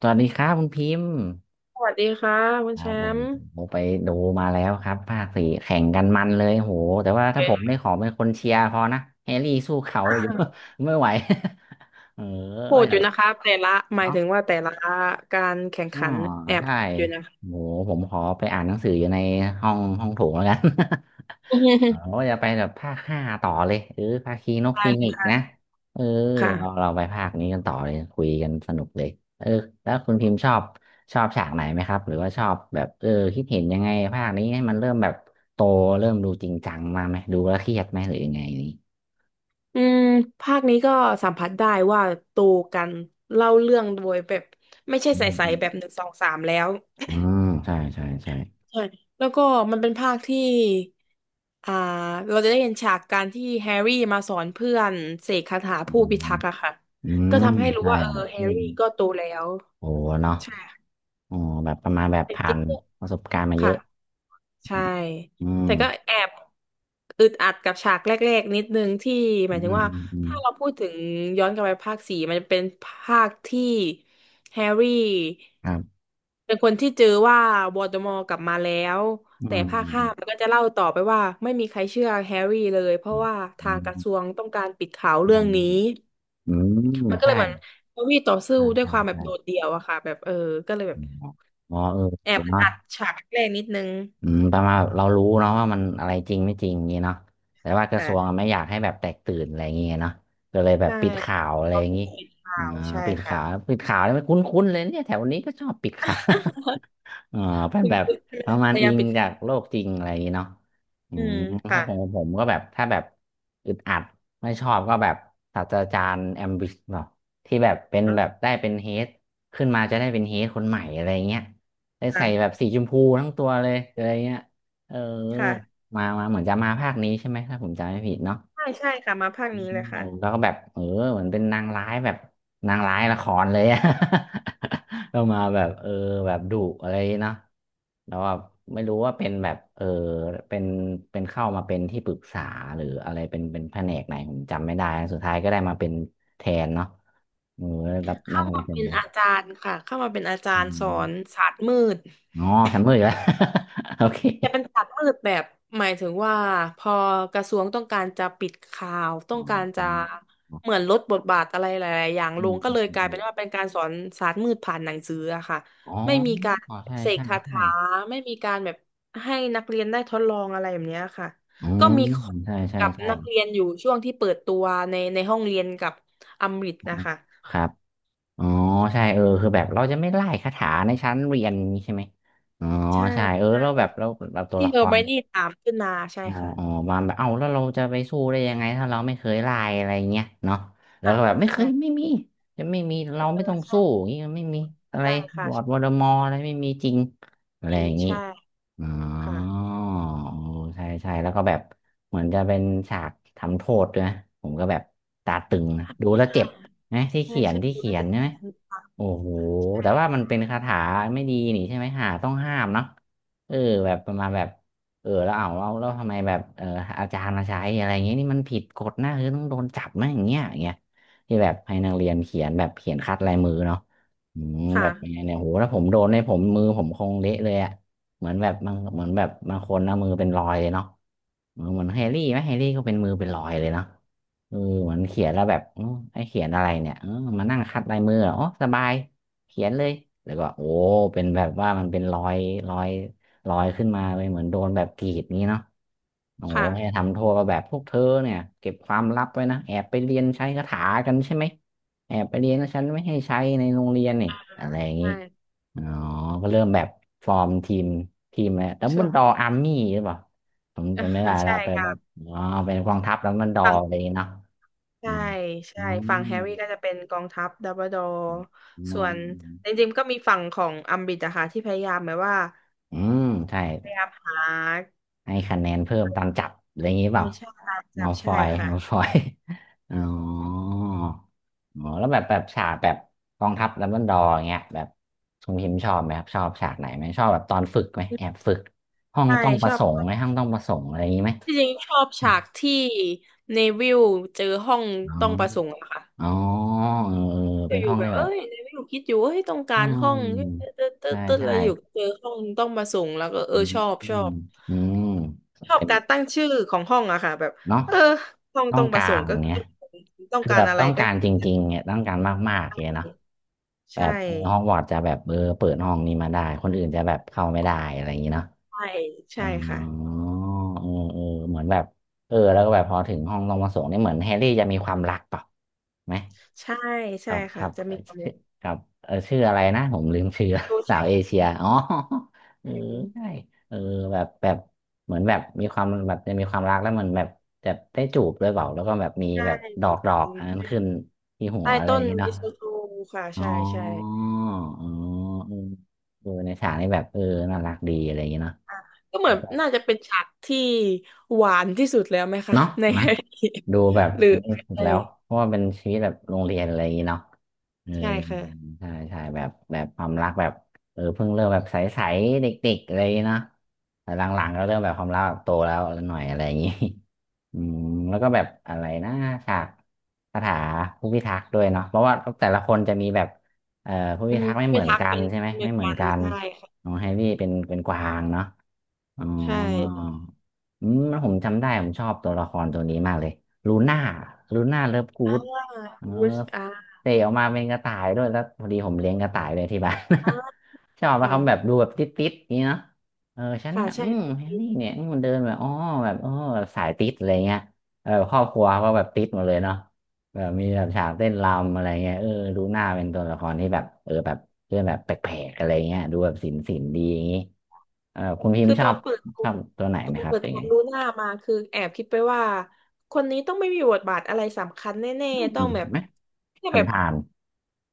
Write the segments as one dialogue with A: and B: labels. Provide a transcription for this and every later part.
A: สวัสดีครับคุณพิมพ์
B: สวัสดีค่ะคุณ
A: ค
B: แช
A: รับผม
B: มป์
A: ผมไปดูมาแล้วครับภาคสี่แข่งกันมันเลยโหแต่ว่า
B: เว
A: ถ้าผมได้
B: ย
A: ขอเป็นคนเชียร์พอนะแฮร์รี่สู้เขาอยู่ ไม่ไหว เออ
B: โห
A: ก็
B: ดอยู่
A: แบบ
B: นะคะแต่ละหมาย
A: เนาะ
B: ถึงว่าแต่ละการแข่ง
A: อ๋อ
B: ขันแอบ
A: ใช่
B: อยู่นะคะ
A: โหผมขอไปอ่านหนังสืออยู่ในห้องโถงแล้วกัน
B: อื
A: อ๋อ
B: ม
A: าจะไปแบบภาคห้าต่อเลยเออภาคีนก
B: ได้
A: ฟี
B: เล
A: นิ
B: ย
A: กซ์นะ
B: ค่ะ
A: เออเรา
B: ค่ะ
A: เราไปภาคนี้กันต่อเลยคุยกันสนุกเลยเออแล้วคุณพิมพ์ชอบชอบฉากไหนไหมครับหรือว่าชอบแบบเออคิดเห็นยังไงภาคนี้ให้มันเริ่มแบบโตเริ่มดูจริงจังมาไหมดูแล้วเครียดไหมหรือยังไงนี่
B: อืมภาคนี้ก็สัมผัสได้ว่าตูกันเล่าเรื่องโดยแบบไม่ใช่
A: อืม
B: ใส
A: อื
B: ๆ
A: ม
B: แบบหนึ่งสองสามแล้ว
A: อืมใช่ใช่ใช่
B: ใช่แล้วก็มันเป็นภาคที่อ่าเราจะได้เห็นฉากการที่แฮร์รี่มาสอนเพื่อนเสกคาถา
A: อื
B: ผู้พิ
A: ม
B: ทักษ์อะค่ะ
A: อื
B: ก็
A: ม
B: ทำให้รู้
A: ใช่
B: ว่าเออแฮ
A: อื
B: ร์รี่
A: ม
B: ก็โตแล้ว
A: โอ้เนาะ
B: ใช่
A: อ๋อแบบประมาณแบบ
B: แต่
A: ผ่า
B: จริง
A: นประสบการณ์มาเย
B: ค่ะ
A: อะ
B: ใช่
A: อืม
B: แต่ก็แอบอึดอัดกับฉากแรกๆนิดนึงที่หมา
A: อื
B: ย
A: ม
B: ถึ
A: อ
B: งว่า
A: ืมอืม
B: ถ้าเราพูดถึงย้อนกลับไปภาคสี่มันจะเป็นภาคที่แฮร์รี่
A: ครับ
B: เป็นคนที่เจอว่าวอลเดอมอร์กลับมาแล้ว
A: อื
B: แต่ภาคห้ามัน
A: ม
B: ก็จะเล่าต่อไปว่าไม่มีใครเชื่อแฮร์รี่เลยเพ
A: อื
B: ราะว่า
A: ม
B: ทางกระทรวงต้องการปิดข่าว
A: ม
B: เรื่อ
A: อ
B: ง
A: ง
B: นี้
A: อืม
B: มันก็เลย
A: ใช่
B: เหมือนแฮร์รี่ต่อสู้
A: ใช่
B: ด้วย
A: ใช่
B: ความแบบ
A: ใช่
B: โดดเดี่ยวอะค่ะแบบเออก็เลยแบ
A: อื
B: บ
A: มอ๋อเออ
B: แอบ
A: เนาะ
B: อัดฉากแรกนิดนึง
A: อืมประมาณเรารู้เนาะว่ามันอะไรจริงไม่จริงอย่างนี้เนาะแต่ว่ากระทรวงอะ
B: ค่ะ
A: ไม่อยากให้แบบแตกตื่นอะไรอย่างเงี้ยเนาะก็เลยแบบ
B: ใช่
A: ปิดข่าวอะไร
B: เขา
A: อย่าง
B: ถูก
A: งี้
B: ปิดข่า
A: อ่า
B: วใช่
A: ปิด
B: ค่ะ
A: ข่าวปิดข่าวนี่มันคุ้นๆเลยเนี่ยแถวนี้ก็ชอบปิดข่าว อ๋อเป็น
B: คุณ
A: แบบ
B: คุณ
A: ประมา
B: พ
A: ณ
B: ยา
A: อิ
B: ยาม
A: ง
B: ปิด
A: จากโลกจริงอะไรอย่างนี้เนาะอื
B: อื
A: ม
B: ม
A: ถ้า
B: ค่ะ
A: ของผมก็แบบถ้าแบบอึดอัดไม่ชอบก็แบบศาสตราจารย์แอมบิชเนาะที่แบบเป็นแบบ
B: อ่า
A: ได้เป็นเฮดขึ้นมาจะได้เป็นเฮดคนใหม่อะไรเงี้ยได้
B: ค่ะ
A: ใส่แบบสีชมพูทั้งตัวเลยอะไรเงี้ยเออ
B: ค่ะ
A: มามาเหมือนจะมาภาคนี้ใช่ไหมถ้าผมจำไม่ผิดเนาะ
B: ใช่ใช่ค่ะมาภาคนี้เลยค่ะ
A: เอาแล้วก็แบบเออเหมือนเป็นนางร้ายแบบนางร้ายละครเลยอะ ก็มาแบบเออแบบดุอะไรเนาะแล้วแบบไม่รู้ว่าเป็นแบบเออเป็นเข้ามาเป็นที่ปรึกษาหรืออะไรเป็นแผนกไหนผมจำไม่ได้สุดท้ายก็ได้มาเป็นแทนเนาะเออรับมา
B: เข้ามา
A: ทำเป็น
B: เป็น
A: นะ
B: อาจารย์ค่ะเข้ามาเป็นอาจา
A: อื
B: รย์สอน
A: ม
B: ศาสตร์มืด
A: อ๋อแซมเมอร์อีกแล้ว โอเค
B: แต่เป็นศาสตร์มืดแบบหมายถึงว่าพอกระทรวงต้องการจะปิดข่าวต้อ
A: อ๋
B: ง
A: อ
B: การ
A: อื
B: จะ
A: ม
B: เหมือนลดบทบาทอะไรหลายๆอย่าง
A: อื
B: ลง
A: ม
B: ก็
A: อื
B: เล
A: ม
B: ยกลา
A: อื
B: ย
A: ม
B: เป็นว่าเป็นการสอนศาสตร์มืดผ่านหนังสืออะค่ะ
A: อ๋อ
B: ไม่มีการ
A: อ๋อใช่
B: เสก
A: ใช่
B: คา
A: ใช่
B: ถาไม่มีการแบบให้นักเรียนได้ทดลองอะไรแบบเนี้ยค่ะ
A: อื
B: ก็
A: ม
B: มีคน
A: ใช่ใช่
B: กับ
A: ใช่
B: นักเรียนอยู่ช่วงที่เปิดตัวในห้องเรียนกับอมริตนะคะ
A: ครับ อ๋อ ใช่ เออ คือแบบเราจะไม่ไล่คาถาในชั้นเรียนนี้ใช่ไหมอ๋อ
B: ใช่
A: ใช่ เออ
B: ใช่
A: เราแบบเราแบบตัว
B: ที่
A: ละ
B: เฮ
A: ค
B: อร์ไม
A: ร
B: นี่ถามขึ้นมาใช่
A: อ๋อ
B: ค่ะ
A: อ๋อมาแบบเอ้าแล้วเราจะไปสู้ได้ยังไงถ้าเราไม่เคยไล่อะไรเงี้ยเนาะแล้ว
B: อ่า
A: ก็แบบไม่เค
B: ใช่
A: ยไม่มีจะไม่มี
B: เอ
A: เราไม่
B: อ
A: ต้อง
B: ใช่
A: สู้อย่างงี้ไม่มีอะไร
B: ใช่ค่ะ
A: ลอร์ดวอลเดอมอร์อะไรไม่มีจริงอะไร
B: จริ
A: อ
B: ง
A: ย่างงี้
B: ใช่
A: อ๋อ
B: ค่ะ
A: ใช่ใช่แล้วก็แบบเหมือนจะเป็นฉากทำโทษด้วยนะผมก็แบบตาตึงนะ
B: ถ้
A: ดูแล้ว
B: า
A: เจ็บนะที่
B: ใช่
A: เขียน
B: ใช่
A: ที่
B: คุณ
A: เขียน
B: เจ็ด
A: ใช่ไหม
B: สิบค่ะ
A: โอ้โห
B: ใช่
A: แต่ว่ามันเป็นคาถาไม่ดีนี่ใช่ไหมหาต้องห้ามเนาะเออแบบประมาณแบบ เออแล้วเอาแล้วแล้วทำไมแบบเอออาจารย์มาใช้อะไรอย่างเงี้ยนี่มันผิดกฎนะคือต้องโดนจับนะอย่างเงี้ยอย่างเงี้ยที่แบบให้นักเรียนเขียนแบบเขียนคัดลายมือเนาะอืมแบ
B: ค่ะ
A: บยังไงเนี่ยโหถ้าผมโดนเนี่ยผมมือผมคงเละเลยอะเหมือนแบบบางเหมือนแบบบางคนนะมือเป็นรอยเลยเนาะเออเหมือนแฮร์รี่ไหมแฮร์รี่ก็เป็นมือเป็นรอยเลยเนาะเออเหมือนเขียนแล้วแบบเออไอ้เขียนอะไรเนี่ยเออมานั่งคัดลายมือเหรออ๋อสบายเขียนเลยแล้วก็โอ้เป็นแบบว่ามันเป็นรอยรอย ลอยขึ้นมาเลยเหมือนโดนแบบกรีดนี้เนาะโอ้
B: ค
A: โหให้
B: ่ะ
A: ทำโทษว่าแบบพวกเธอเนี่ยเก็บความลับไว้นะแอบไปเรียนใช้คาถากันใช่ไหมแอบไปเรียนนะฉันไม่ให้ใช้ในโรงเรียนนี่อะไรอย่างนี้
B: ใช่
A: อ๋อก็เริ่มแบบฟอร์มทีมแล้วดับเบิลดอ
B: ใช่
A: อาร์มี่หรือเปล่าผมจำไม่ได้ ละ
B: ใช่
A: ไป
B: ค่ะ
A: แบบอ๋อเป็นกองทัพดับเบิลดอ
B: ฝั่ง
A: อะไรอย่างนี้เนาะอ๋อ
B: ใช่
A: อื
B: ใช่
A: ม
B: ฝั่งแฮร์รี่ก็จะเป็นกองทัพดัมเบิลดอร์
A: อื
B: ส่วนจ
A: ม
B: ริงๆก็มีฝั่งของอัมบริดอะค่ะที่พยายามแบบว่า
A: อืมใช่
B: พยายามหา
A: ให้คะแนนเพิ่มตามจับอะไรอย่างนี้เป
B: ใช่
A: ล่า
B: ใช่ตามจั
A: มั
B: บ
A: ลฟ
B: ใช่
A: อย
B: ค่ะ
A: มัลฟอย อ๋ออ๋อแล้วแบบแบบฉากแบบกองทัพดัมเบิลดอร์อย่างเงี้ยแบบทรงพิมพ์ชอบไหมครับชอบฉากไหนไหมชอบแบบตอนฝึกไหมแอบฝึกห้อง
B: ใช่
A: ต้องป
B: ช
A: ระ
B: อบ
A: สงค์ไหมห้องต้องประสงค์อะไรอย่างนี้ไหม
B: ที่จริงชอบฉากที่เนวิลเจอห้อง
A: อ
B: ต้อ
A: ม
B: งประสงค์อะค่ะ
A: อ๋ออ๋อเออเออเป็น
B: อ
A: ห้
B: ยู่
A: อง
B: ๆแบ
A: ได้
B: บ
A: แบ
B: เอ้
A: บ
B: ยไม่อยู่คิดอยู่เอ้ยต้องกา
A: อื
B: รห้องเ
A: ม
B: ต๊ดเต๊
A: ใช่
B: ดเต๊ดอะ
A: ใช่
B: ไรอยู่เจอห้องต้องมาส่งแล้วก็เอ
A: อื
B: อ
A: ม
B: ชอบ
A: อื
B: ชอ
A: ม
B: บชอบ
A: เป็น
B: การตั้งชื่อของห้องอะค่ะแบบ
A: เนาะ
B: เออห้อง
A: ต้อ
B: ต้อ
A: ง
B: งมา
A: กา
B: ส่
A: ร
B: งค์ก็
A: อย่างเงี้
B: ต้
A: ย
B: องต้อง
A: คือ
B: กา
A: แบ
B: ร
A: บ
B: อะไร
A: ต้อง
B: ก็
A: การจริงๆเนี่ยต้องการมากๆ
B: ตั้
A: เงี้ย
B: ง
A: เนาะแบ
B: ใช่
A: บฮอกวอตส์จะแบบเปิดห้องนี้มาได้คนอื่นจะแบบเข้าไม่ได้อะไรอย่างเงี้ยเนาะ
B: ใช่
A: อ๋อ
B: ใช่ค่ะ
A: เออเออเหมือนแบบแล้วก็แบบพอถึงห้องลงมาส่งนี่เหมือนแฮร์รี่จะมีความรักเปล่าไหม
B: ใช่
A: ค
B: ใช่
A: รับค
B: ค่ะ
A: รับ
B: จะ มีความ
A: ชื่อครับเออชื่ออะไรนะผมลืมชื่อ
B: โชว์ แช
A: สาว
B: ร์
A: เอเชียอ๋อ เออใช่เออแบบเหมือนแบบมีความแบบจะมีความรักแล้วเหมือนแบบจะได้จูบด้วยเปล่าแล้วก็แบบมี
B: ใช่
A: แบบดอ
B: ถู
A: ก
B: ก
A: ดอ
B: ต้
A: ก
B: อง
A: อันนั้นขึ้นที่หัว
B: ใต้
A: อะไร
B: ต้
A: อย่า
B: น
A: งเงี้
B: มี
A: เนาะ
B: โซโลค่ะ
A: อ๋
B: ใช่ใช่
A: ออ๋อเออเออในฉากนี้แบบน่ารักดีอะไรอย่างเงี้เนาะ
B: ก็เหมือนน่าจะเป็นฉากที่หวานที่สุดแล้วไหมคะ
A: เนาะ
B: ใน
A: ไหมดูแบบ
B: หรือ
A: อันนี้สุด
B: ใช่
A: แล้วเพราะว่าเป็นชีวิตแบบโรงเรียนอะไรอย่างงี้เนาะเออ
B: ใช่ค่ะ
A: ใช่ใช่แบบความรักแบบเพิ่งเริ่มแบบใสๆเด็กๆอะไรอย่างงี้เนาะแต่หลังๆก็เริ่มแบบความรักแบบโตแล้วหน่อยอะไรอย่างงี้ อืมแล้วก็แบบอะไรนะฉากคาถาผู้พิทักษ์ด้วยเนาะเพราะว่าแต่ละคนจะมีแบบเอ่อผู้
B: อื
A: พิ
B: ม
A: ทักษ์ไม่เห
B: เป็
A: มื
B: น
A: อน
B: ทัก
A: กั
B: เป็
A: น
B: น
A: ใช่ไหม
B: เม
A: ไม่เหมือ
B: กั
A: น
B: น
A: กัน
B: ใช่ค่ะ
A: ของแฮร์รี่เป็นกวางเนาะ อ๋อ
B: ใช่
A: อืมผมจำได้ผมชอบตัวละครตัวนี้มากเลยลูน่าลูน่าเลิฟกู๊ด
B: ว่า
A: เออ
B: วุชอา
A: เตะออกมาเป็นกระต่ายด้วยแล้วพอดีผมเลี้ยงกระต่ายเลยที่บ้าน
B: อ
A: ชอบนะครับแบบ
B: ค่ะ
A: ดูแบบติดนี่เนาะเออฉัน
B: ค่ะ
A: นะอื
B: ใช่
A: มแฮร์รี่เนี่ยมันเดินแบบอ๋อแบบสายติดอะไรเงี้ยเออครอบครัวก็แบบติดหมดเลยเนาะ แบบมีแบบฉากเต้นรำอะไรเงี้ยเออดูหน้าเป็นตัวละครที่แบบแบบเรื่องแบบแปลกๆอะไรเงี้ยดูแบบศิลป์ดีอย่างงี้เออคุณพิม
B: คื
A: พ์
B: อตอนเปิดตั
A: ช
B: ว
A: อบตัวไหน
B: ต
A: ไหม
B: อน
A: ครับ
B: เปิ
A: ห
B: ด
A: รือ
B: ตัว
A: ไง
B: ลูน่ามาคือแอบคิดไปว่าคนนี้ต้องไม่มีบทบาทอะไรสำคัญแน่
A: อื
B: ๆต้อง
A: ม
B: แบบ
A: ไหม
B: แค่
A: ผ่า
B: แบ
A: น
B: บ
A: ผ่าน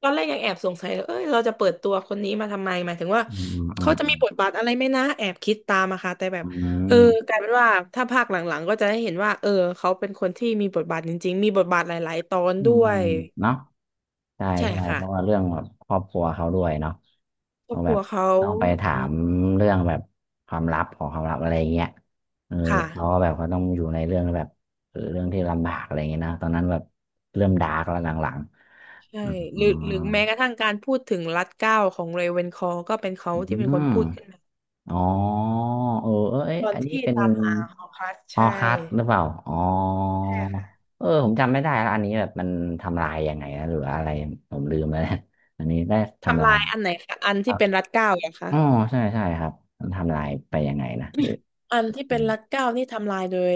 B: ตอนแรกยังแอบสงสัยเลยเอ้ยเราจะเปิดตัวคนนี้มาทำไมหมายถึงว่า
A: อืมอื
B: เขา
A: ม
B: จะมีบทบาทอะไรไหมนะแอบคิดตามอะค่ะแต่แบบ
A: อื
B: เออ
A: ม
B: กลายเป็นว่าถ้าภาคหลังๆก็จะได้เห็นว่าเออเขาเป็นคนที่มีบทบาทจริงๆมีบทบาทหลายๆตอน
A: อื
B: ด้
A: มอื
B: วย
A: มเนาะ ใช่
B: ใช่
A: ใช่
B: ค่ะ
A: เพราะว่าเรื่องแบบครอบครัวเขาด้วยเนาะ
B: ครอ
A: ต้อ
B: บ
A: ง
B: ค
A: แบ
B: รั
A: บ
B: วเขา
A: ต้องไปถา
B: อื
A: ม
B: ม
A: เรื่องแบบความลับของความลับอะไรอย่างเงี้ยเออ
B: ค
A: เขาก็
B: ่ะ
A: แบบเขาต้องอยู่ในเรื่องแบบเรื่องที่ลำบากอะไรอย่างเงี้ยนะตอนนั้นแบบเริ่มดาร์กแล้วหลัง
B: ใช่
A: ๆอื
B: หรือหรือ
A: ม
B: แม้กระทั่งการพูดถึงรัดเกล้าของเรเวนคอร์ก็เป็นเขา
A: อื
B: ที่เป็น
A: ม
B: คนพูดขึ้นมา
A: อ๋อเออเออเอ้ย
B: ตอน
A: อันนี้
B: ที่
A: เป็น
B: ตามหาหอพัก
A: ฮอ
B: ใช่
A: คัสหรือเปล่าอ๋อเออผมจำไม่ได้แล้วอันนี้แบบมันทำลายยังไงนะหรืออะไรผมลืมแล้วเนี่ยอันนี้ได้ทำ
B: ทำ
A: ลาย
B: ลายอันไหนคะอันที่เป็นรัดเกล้าเหรอคะ
A: อ๋อใช่ใช่ครับมันทำลายไปยังไงนะหรือ
B: อันที่
A: อื
B: เป็น
A: ม
B: รัดเกล้านี่ทำลายโดย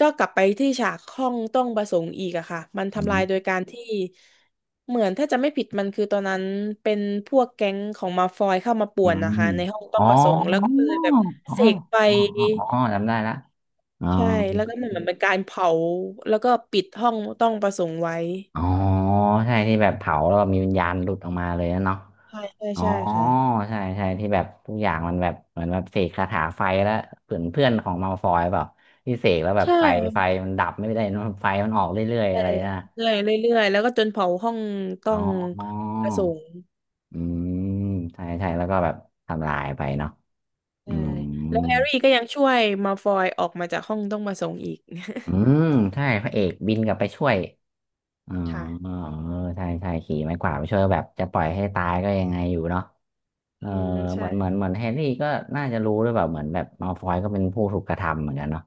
B: ก็กลับไปที่ฉากห้องต้องประสงค์อีกอะค่ะมัน
A: อื
B: ทำลา
A: ม
B: ยโดยการที่เหมือนถ้าจะไม่ผิดมันคือตอนนั้นเป็นพวกแก๊งของมาฟอยเข้ามาป่
A: อื
B: วนนะ
A: ม
B: คะในห้องต้
A: อ๋
B: อ
A: อ
B: งประสงค์แล้วก็เล
A: อ๋
B: ย
A: อ
B: แบบ
A: อ๋อ
B: เสกไป
A: อ๋ออ๋อจำได้ละอ๋อ
B: ใช่แล้วก็มันเหมือนันเป็นการเผาแล้วก็ปิดห้องต้องประสงค์ไว้
A: อ๋อใช่ที่แบบเผาแล้วมีวิญญาณหลุดออกมาเลยนะเนาะ
B: ใช่ใช่
A: อ๋อ
B: ใช่ค่ะ
A: ใช่ใช่ที่แบบทุกอย่างมันแบบเหมือนแบบเสกคาถาไฟแล้วเพื่อนเพื่อนของมัลฟอยเปล่าที่เสกแล้วแบ
B: ใช
A: บไฟไฟ
B: ่
A: มันดับไม่ได้นะไฟมันออกเรื่อยๆ
B: ใช่
A: อะไรนะ
B: เรื่อยเรื่อยเรื่อยแล้วก็จนเผาห้องต้อ
A: อ๋อ
B: งประสงค์
A: อืมใช่ใช่แล้วก็แบบทำลายไปเนาะ อื
B: ใช่
A: ม
B: แล้วแฮร์รี่ก็ยังช่วยมาฟอยออกมาจากห้องต้องประสงค์อีก
A: อืมใช่พระเอกบินกลับไปช่วยอ๋อ
B: ค่ะ
A: เออใช่ใช่ขี่ไม้กวาดไปช่วยแบบจะปล่อยให้ตายก็ยังไงอยู่เนาะเออ
B: อืม
A: เหมื
B: ใช่
A: อนเหมือนเหมือนแฮร์รี่ก็น่าจะรู้ด้วยแบบเหมือนแบบมัลฟอยก็เป็นผู้ถูกกระทำเหมือนกันเนาะ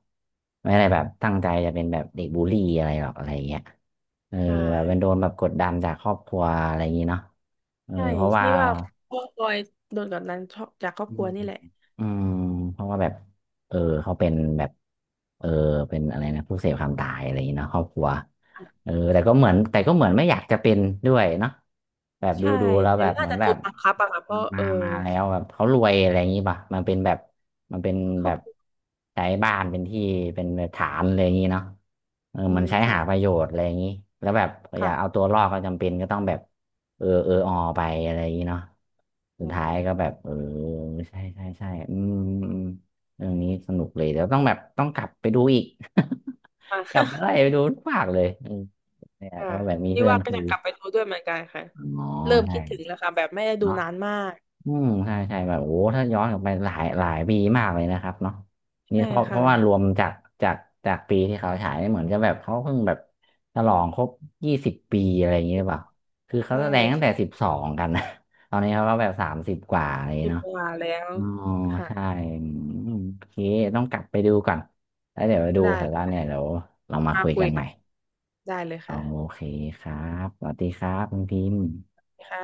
A: ไม่ได้แบบตั้งใจจะเป็นแบบเด็กบูลลี่อะไรหรอกอะไรอย่างเงี้ยเออ
B: ใช่
A: แบบเป็นโดนแบบกดดันจากครอบครัวอะไรอย่างงี้เนาะเออ
B: ใช่
A: เพราะว่า
B: นี่ว่าพ่อฟอยโดนกดดันจากครอบ
A: อื
B: ครั
A: ม
B: วนี่แหละ
A: อืมเพราะว่าแบบเออเขาเป็นแบบเออเป็นอะไรนะผู้เสพความตายอะไรอย่างนี้เนาะครอบครัว
B: ะ
A: แต่ก็เหมือนไม่อยากจะเป็นด้วยเนาะแบบ
B: ใช่
A: ดูแล้ว
B: แต่
A: แบบเห
B: น่า
A: มือน
B: จะ
A: แบ
B: โด
A: บ
B: นบังคับอะค่ะเพราะเออ
A: มาแล้วแบบเขารวยอะไรอย่างนี้ป่ะมันเป็นแบบมันเป็น
B: คร
A: แบ
B: อบ
A: บ
B: ครัว
A: ใช้บ้านเป็นที่เป็นฐานอะไรอย่างนี้เนาะเออ
B: อื
A: มัน
B: ม
A: ใช้
B: ค่ะ
A: หาประโยชน์อะไรอย่างนี้แล้วแบบอยากเอา
B: ค่ะ
A: ตัวรอดก็จำเป็นก็ต้องแบบ เออเออออไปอะไรอย่างนี้เนาะสุ
B: ใช่
A: ดท้าย
B: ค่ะ
A: ก็แบบใช่ใช่ใช่อืมอืมเรื่องนี้สนุกเลยเดี๋ยวต้องแบบต้องกลับไปดูอีก กลั
B: ค่ะ
A: บไปไล่ไปดูทุกภาคเลยอืมเนี่ย
B: ค่ะ
A: ถ้าแบบมี
B: นี่
A: เพื่อน
B: ว่าก็
A: คือ
B: จะกลับไปดูด้วยเหมือนกันค่ะ
A: อ๋อ
B: เริ่ม
A: ใช่
B: คิดถึงแล้วค่ะแบบไม่ได้ดู
A: เนาะ
B: นานมาก
A: อืมใช่ใช่แบบโอ้ถ้าย้อนกลับไปหลายหลายปีมากเลยนะครับเนาะนี่
B: ใช่
A: เพราะเพ
B: ค่ะ
A: ราะว่ารวมจากจากจากปีที่เขาฉายเหมือนจะแบบเขาเพิ่งแบบฉลองครบ20 ปีอะไรอย่างเงี้ยหรือเปล่าคือเขา
B: ใช่
A: แสดงตั้งแต่
B: ใช่
A: 12กันนะ ตอนนี้เขาก็แบบ30กว่าอะไรอย่าง
B: มี
A: เงี้ยเนาะ
B: เว่าแล้ว
A: อ๋อ
B: ค่ะ
A: ใช่อืมโอเคต้องกลับไปดูก่อนแล้วเดี๋ยวไปดู
B: ไ
A: เสร็จแล้ว
B: ด้
A: เนี่ยเดี๋ยวเรามา
B: มา
A: คุย
B: คุ
A: กั
B: ย
A: นให
B: กั
A: ม่
B: นได้เลยค่ะ
A: โอเคครับสวัสดีครับคุณพิมพ์
B: ค่ะ